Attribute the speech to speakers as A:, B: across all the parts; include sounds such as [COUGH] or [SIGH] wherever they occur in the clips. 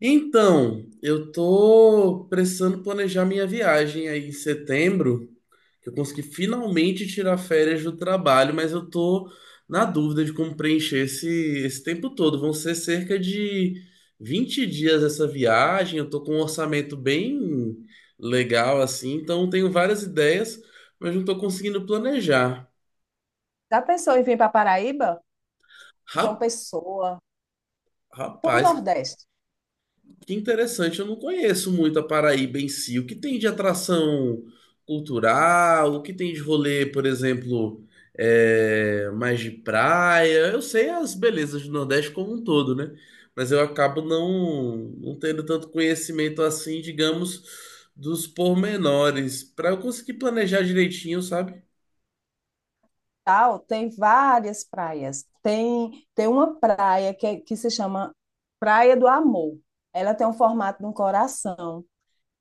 A: Então, eu tô precisando planejar minha viagem aí em setembro, que eu consegui finalmente tirar férias do trabalho, mas eu tô na dúvida de como preencher esse tempo todo. Vão ser cerca de 20 dias essa viagem, eu tô com um orçamento bem legal assim, então tenho várias ideias, mas não tô conseguindo planejar.
B: Já pensou em vir para Paraíba? João
A: Ra-
B: Pessoa, para o
A: Rapaz.
B: Nordeste,
A: Que interessante, eu não conheço muito a Paraíba em si. O que tem de atração cultural? O que tem de rolê, por exemplo, mais de praia? Eu sei as belezas do Nordeste como um todo, né? Mas eu acabo não tendo tanto conhecimento assim, digamos, dos pormenores, para eu conseguir planejar direitinho, sabe?
B: tal, tem várias praias. Tem uma praia que se chama Praia do Amor. Ela tem um formato de um coração.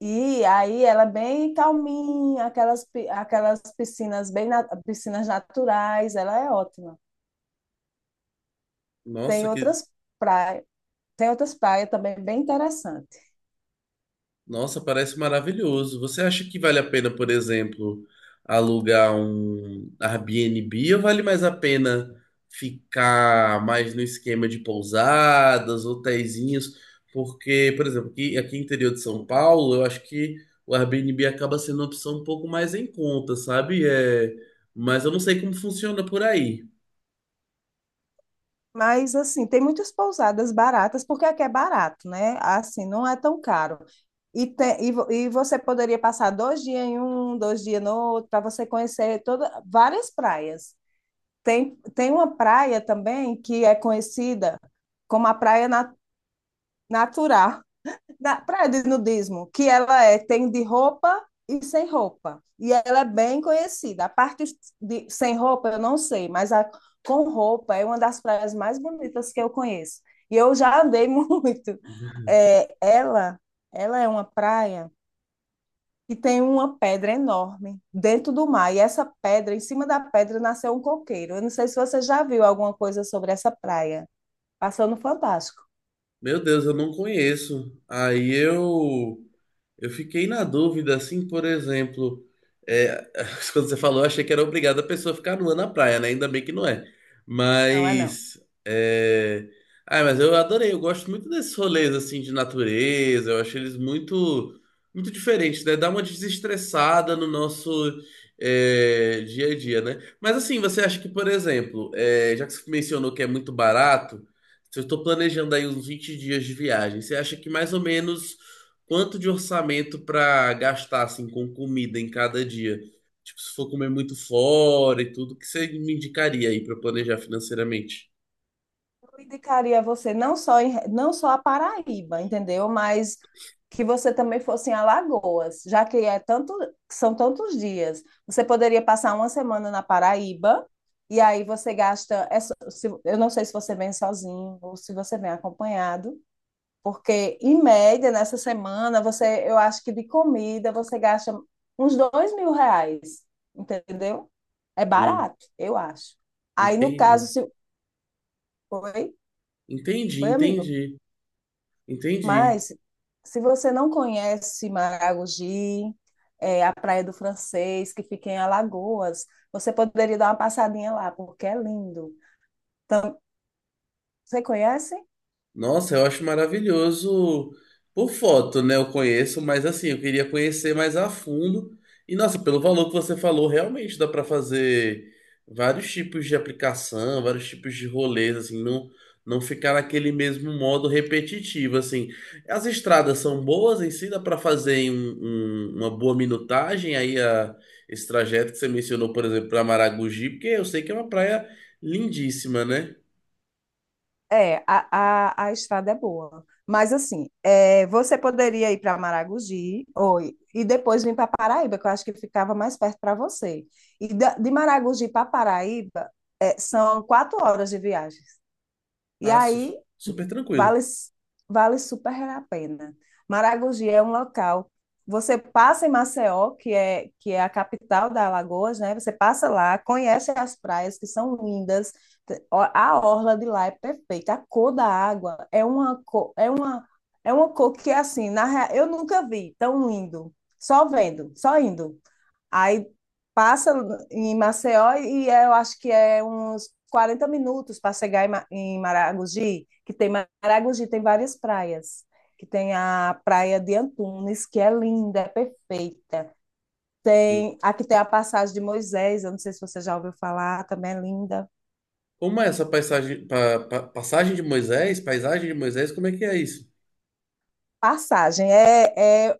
B: E aí ela é bem calminha, aquelas piscinas piscinas naturais, ela é ótima.
A: Nossa,
B: Tem
A: que...
B: outras praias, tem outras praias também bem interessantes.
A: Nossa, parece maravilhoso. Você acha que vale a pena, por exemplo, alugar um Airbnb ou vale mais a pena ficar mais no esquema de pousadas, hotéisinhos? Porque, por exemplo, aqui no interior de São Paulo, eu acho que o Airbnb acaba sendo uma opção um pouco mais em conta, sabe? Mas eu não sei como funciona por aí.
B: Mas, assim, tem muitas pousadas baratas, porque aqui é barato, né? Assim, não é tão caro. E você poderia passar 2 dias em um, 2 dias no outro, para você conhecer toda, várias praias. Tem uma praia também que é conhecida como a Natural da praia de nudismo, que ela é tem de roupa e sem roupa. E ela é bem conhecida. A parte de sem roupa eu não sei, mas a com roupa é uma das praias mais bonitas que eu conheço. E eu já andei [LAUGHS] muito. É, ela é uma praia que tem uma pedra enorme dentro do mar. E essa pedra, em cima da pedra, nasceu um coqueiro. Eu não sei se você já viu alguma coisa sobre essa praia. Passou no Fantástico.
A: Meu Deus, eu não conheço. Aí eu. Eu fiquei na dúvida, assim, por exemplo, é, [LAUGHS] quando você falou, eu achei que era obrigado a pessoa ficar nua na praia, né? Ainda bem que não é.
B: Não é não.
A: Mas, é... Ah, mas eu adorei, eu gosto muito desses rolês, assim, de natureza, eu acho eles muito diferentes, né? Dá uma desestressada no nosso dia a dia, né? Mas, assim, você acha que, por exemplo, já que você mencionou que é muito barato, se eu estou planejando aí uns 20 dias de viagem, você acha que mais ou menos quanto de orçamento para gastar assim com comida em cada dia? Tipo, se for comer muito fora e tudo, o que você me indicaria aí para planejar financeiramente?
B: Eu indicaria você não só a Paraíba, entendeu? Mas que você também fosse em Alagoas, já que é tanto, são tantos dias. Você poderia passar uma semana na Paraíba, e aí você gasta. Eu não sei se você vem sozinho ou se você vem acompanhado, porque em média, nessa semana, você, eu acho que de comida você gasta uns R$ 2.000, entendeu? É
A: Hum,
B: barato, eu acho. Aí, no caso,
A: entendi.
B: se. Oi?
A: Entendi,
B: Oi, amigo?
A: entendi. Entendi.
B: Mas, se você não conhece Maragogi, a Praia do Francês, que fica em Alagoas, você poderia dar uma passadinha lá, porque é lindo. Então, você conhece?
A: Nossa, eu acho maravilhoso por foto, né? Eu conheço, mas assim, eu queria conhecer mais a fundo. E nossa, pelo valor que você falou, realmente dá para fazer vários tipos de aplicação, vários tipos de rolês, assim, não ficar naquele mesmo modo repetitivo, assim. As estradas são boas em si, dá para fazer em uma boa minutagem esse trajeto que você mencionou, por exemplo, para Maragogi, porque eu sei que é uma praia lindíssima, né?
B: É, a estrada é boa. Mas, assim, é, você poderia ir para Maragogi ou, e depois vir para Paraíba, que eu acho que ficava mais perto para você. E de Maragogi para Paraíba, é, são 4 horas de viagem. E
A: Ah,
B: aí
A: super tranquilo.
B: vale, vale super a pena. Maragogi é um local. Você passa em Maceió, que é a capital da Alagoas, né? Você passa lá, conhece as praias que são lindas. A orla de lá é perfeita. A cor da água é uma cor que assim, na real, eu nunca vi tão lindo. Só vendo, só indo. Aí passa em Maceió e eu acho que é uns 40 minutos para chegar em em Maragogi, que tem Maragogi, tem várias praias, que tem a praia de Antunes, que é linda, é perfeita. Tem, aqui tem a passagem de Moisés, eu não sei se você já ouviu falar, também é linda.
A: Como é essa paisagem, passagem de Moisés? Paisagem de Moisés, como é que é isso?
B: Passagem é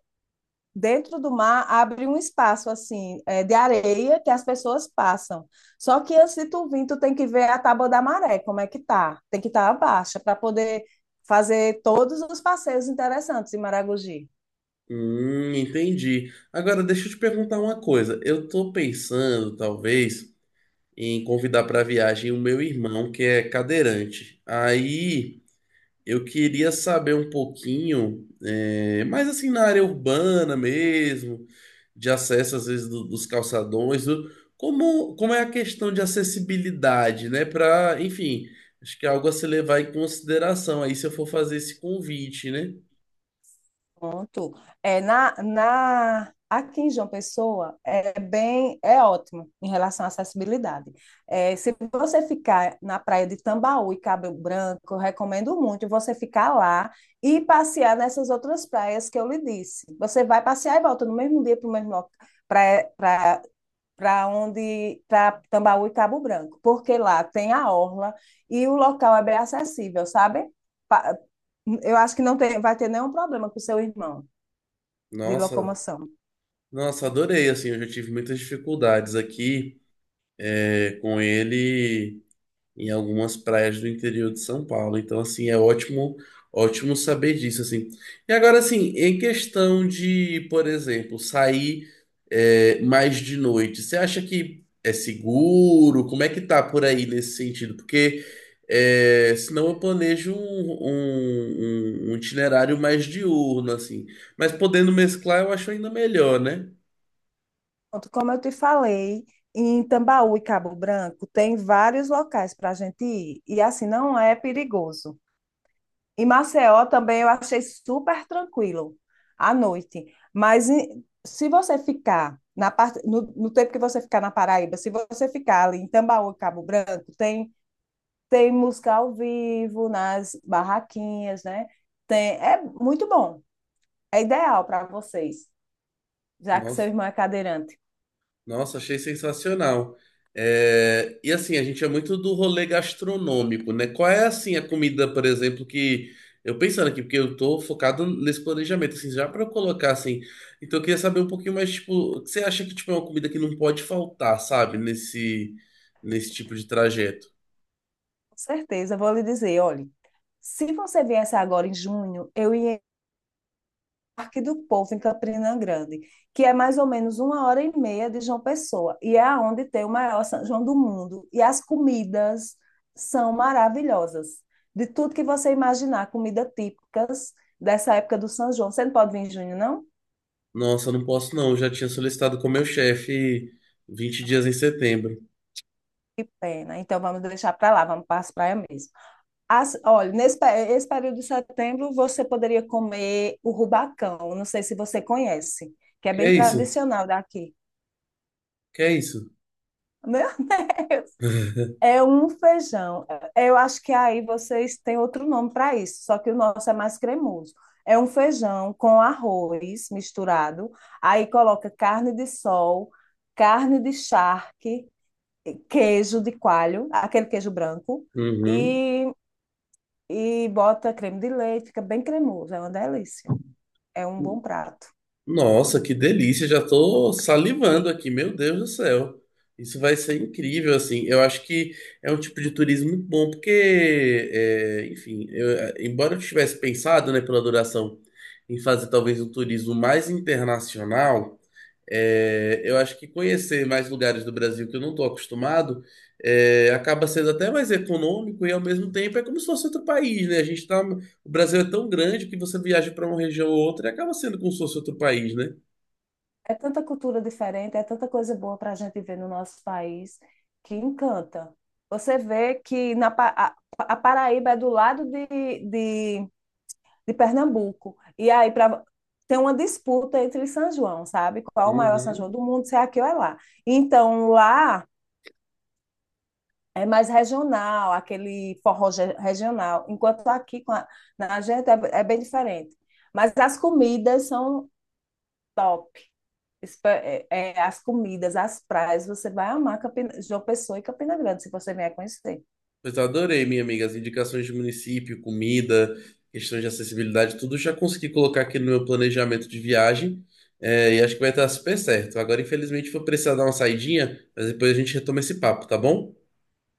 B: dentro do mar abre um espaço assim é, de areia que as pessoas passam. Só que antes de tu vir, tu tem que ver a tábua da maré, como é que tá. Tem que estar tá abaixo para poder fazer todos os passeios interessantes em Maragogi.
A: Entendi. Agora, deixa eu te perguntar uma coisa. Eu tô pensando, talvez, em convidar para viagem o meu irmão, que é cadeirante. Aí, eu queria saber um pouquinho, mais assim na área urbana mesmo, de acesso às vezes dos calçadões, como, como é a questão de acessibilidade, né? Para, enfim, acho que é algo a se levar em consideração aí se eu for fazer esse convite, né?
B: Pronto. É, aqui em João Pessoa é bem, é ótimo em relação à acessibilidade. É, se você ficar na praia de Tambaú e Cabo Branco, eu recomendo muito você ficar lá e passear nessas outras praias que eu lhe disse. Você vai passear e volta no mesmo dia para o mesmo para para onde para Tambaú e Cabo Branco, porque lá tem a orla e o local é bem acessível, sabe? Pa- Eu acho que não tem, vai ter nenhum problema com o seu irmão de
A: Nossa,
B: locomoção.
A: nossa, adorei, assim, eu já tive muitas dificuldades aqui, com ele em algumas praias do interior de São Paulo. Então, assim, é ótimo saber disso, assim. E agora, assim, em questão de, por exemplo, sair mais de noite, você acha que é seguro? Como é que tá por aí nesse sentido? Porque senão eu planejo um itinerário mais diurno, assim. Mas podendo mesclar, eu acho ainda melhor, né?
B: Pronto, como eu te falei, em Tambaú e Cabo Branco tem vários locais para a gente ir e assim não é perigoso. Em Maceió também eu achei super tranquilo à noite. Se você ficar na parte, no tempo que você ficar na Paraíba, se você ficar ali em Tambaú, e Cabo Branco, tem tem música ao vivo nas barraquinhas, né? Tem, é muito bom. É ideal para vocês, já que
A: Nossa.
B: seu irmão é cadeirante.
A: Nossa, achei sensacional. É, e assim, a gente é muito do rolê gastronômico, né? Qual é assim a comida, por exemplo, que eu pensando aqui, porque eu tô focado nesse planejamento, assim, já para eu colocar assim. Então eu queria saber um pouquinho mais, tipo, o que você acha que tipo é uma comida que não pode faltar, sabe, nesse tipo de trajeto?
B: Com certeza, eu vou lhe dizer, olhe, se você viesse agora em junho, eu ia Parque do Povo, em Campina Grande, que é mais ou menos uma hora e meia de João Pessoa, e é onde tem o maior São João do mundo. E as comidas são maravilhosas. De tudo que você imaginar, comida típicas dessa época do São João. Você não pode vir em junho, não?
A: Nossa, não posso não, eu já tinha solicitado com meu chefe 20 dias em setembro.
B: Pena. Então vamos deixar para lá, vamos para as praias mesmo. As, olha, nesse esse período de setembro você poderia comer o rubacão, não sei se você conhece,
A: O
B: que é
A: que
B: bem
A: é isso?
B: tradicional daqui.
A: O que é isso?
B: [LAUGHS] Meu
A: [LAUGHS]
B: É um feijão. Eu acho que aí vocês têm outro nome para isso, só que o nosso é mais cremoso. É um feijão com arroz misturado, aí coloca carne de sol, carne de charque, queijo de coalho, aquele queijo branco,
A: Uhum.
B: e, e bota creme de leite, fica bem cremoso, é uma delícia. É um bom prato.
A: Nossa, que delícia! Já tô salivando aqui, meu Deus do céu. Isso vai ser incrível, assim. Eu acho que é um tipo de turismo muito bom, porque, é, enfim, eu- embora eu tivesse pensado, né, pela duração, em fazer talvez um turismo mais internacional. É, eu acho que conhecer mais lugares do Brasil que eu não estou acostumado acaba sendo até mais econômico e ao mesmo tempo é como se fosse outro país, né? A gente tá, o Brasil é tão grande que você viaja para uma região ou outra e acaba sendo como se fosse outro país, né?
B: É tanta cultura diferente, é tanta coisa boa para a gente ver no nosso país que encanta. Você vê que na, a Paraíba é do lado de, de Pernambuco. E aí pra, tem uma disputa entre São João, sabe? Qual é o maior São João
A: Uhum.
B: do mundo, se é aqui ou é lá. Então lá é mais regional, aquele regional. Enquanto aqui com a- na gente é, é bem diferente. Mas as comidas são top. As comidas, as praias, você vai amar João Pessoa e Campina Grande, se você vier conhecer.
A: Pois eu adorei, minha amiga, as indicações de município, comida, questões de acessibilidade, tudo já consegui colocar aqui no meu planejamento de viagem e acho que vai estar super certo. Agora, infelizmente, vou precisar dar uma saidinha, mas depois a gente retoma esse papo, tá bom?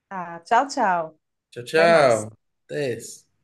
B: Tá, tchau, tchau.
A: Tchau,
B: Até mais.
A: tchau. Até esse.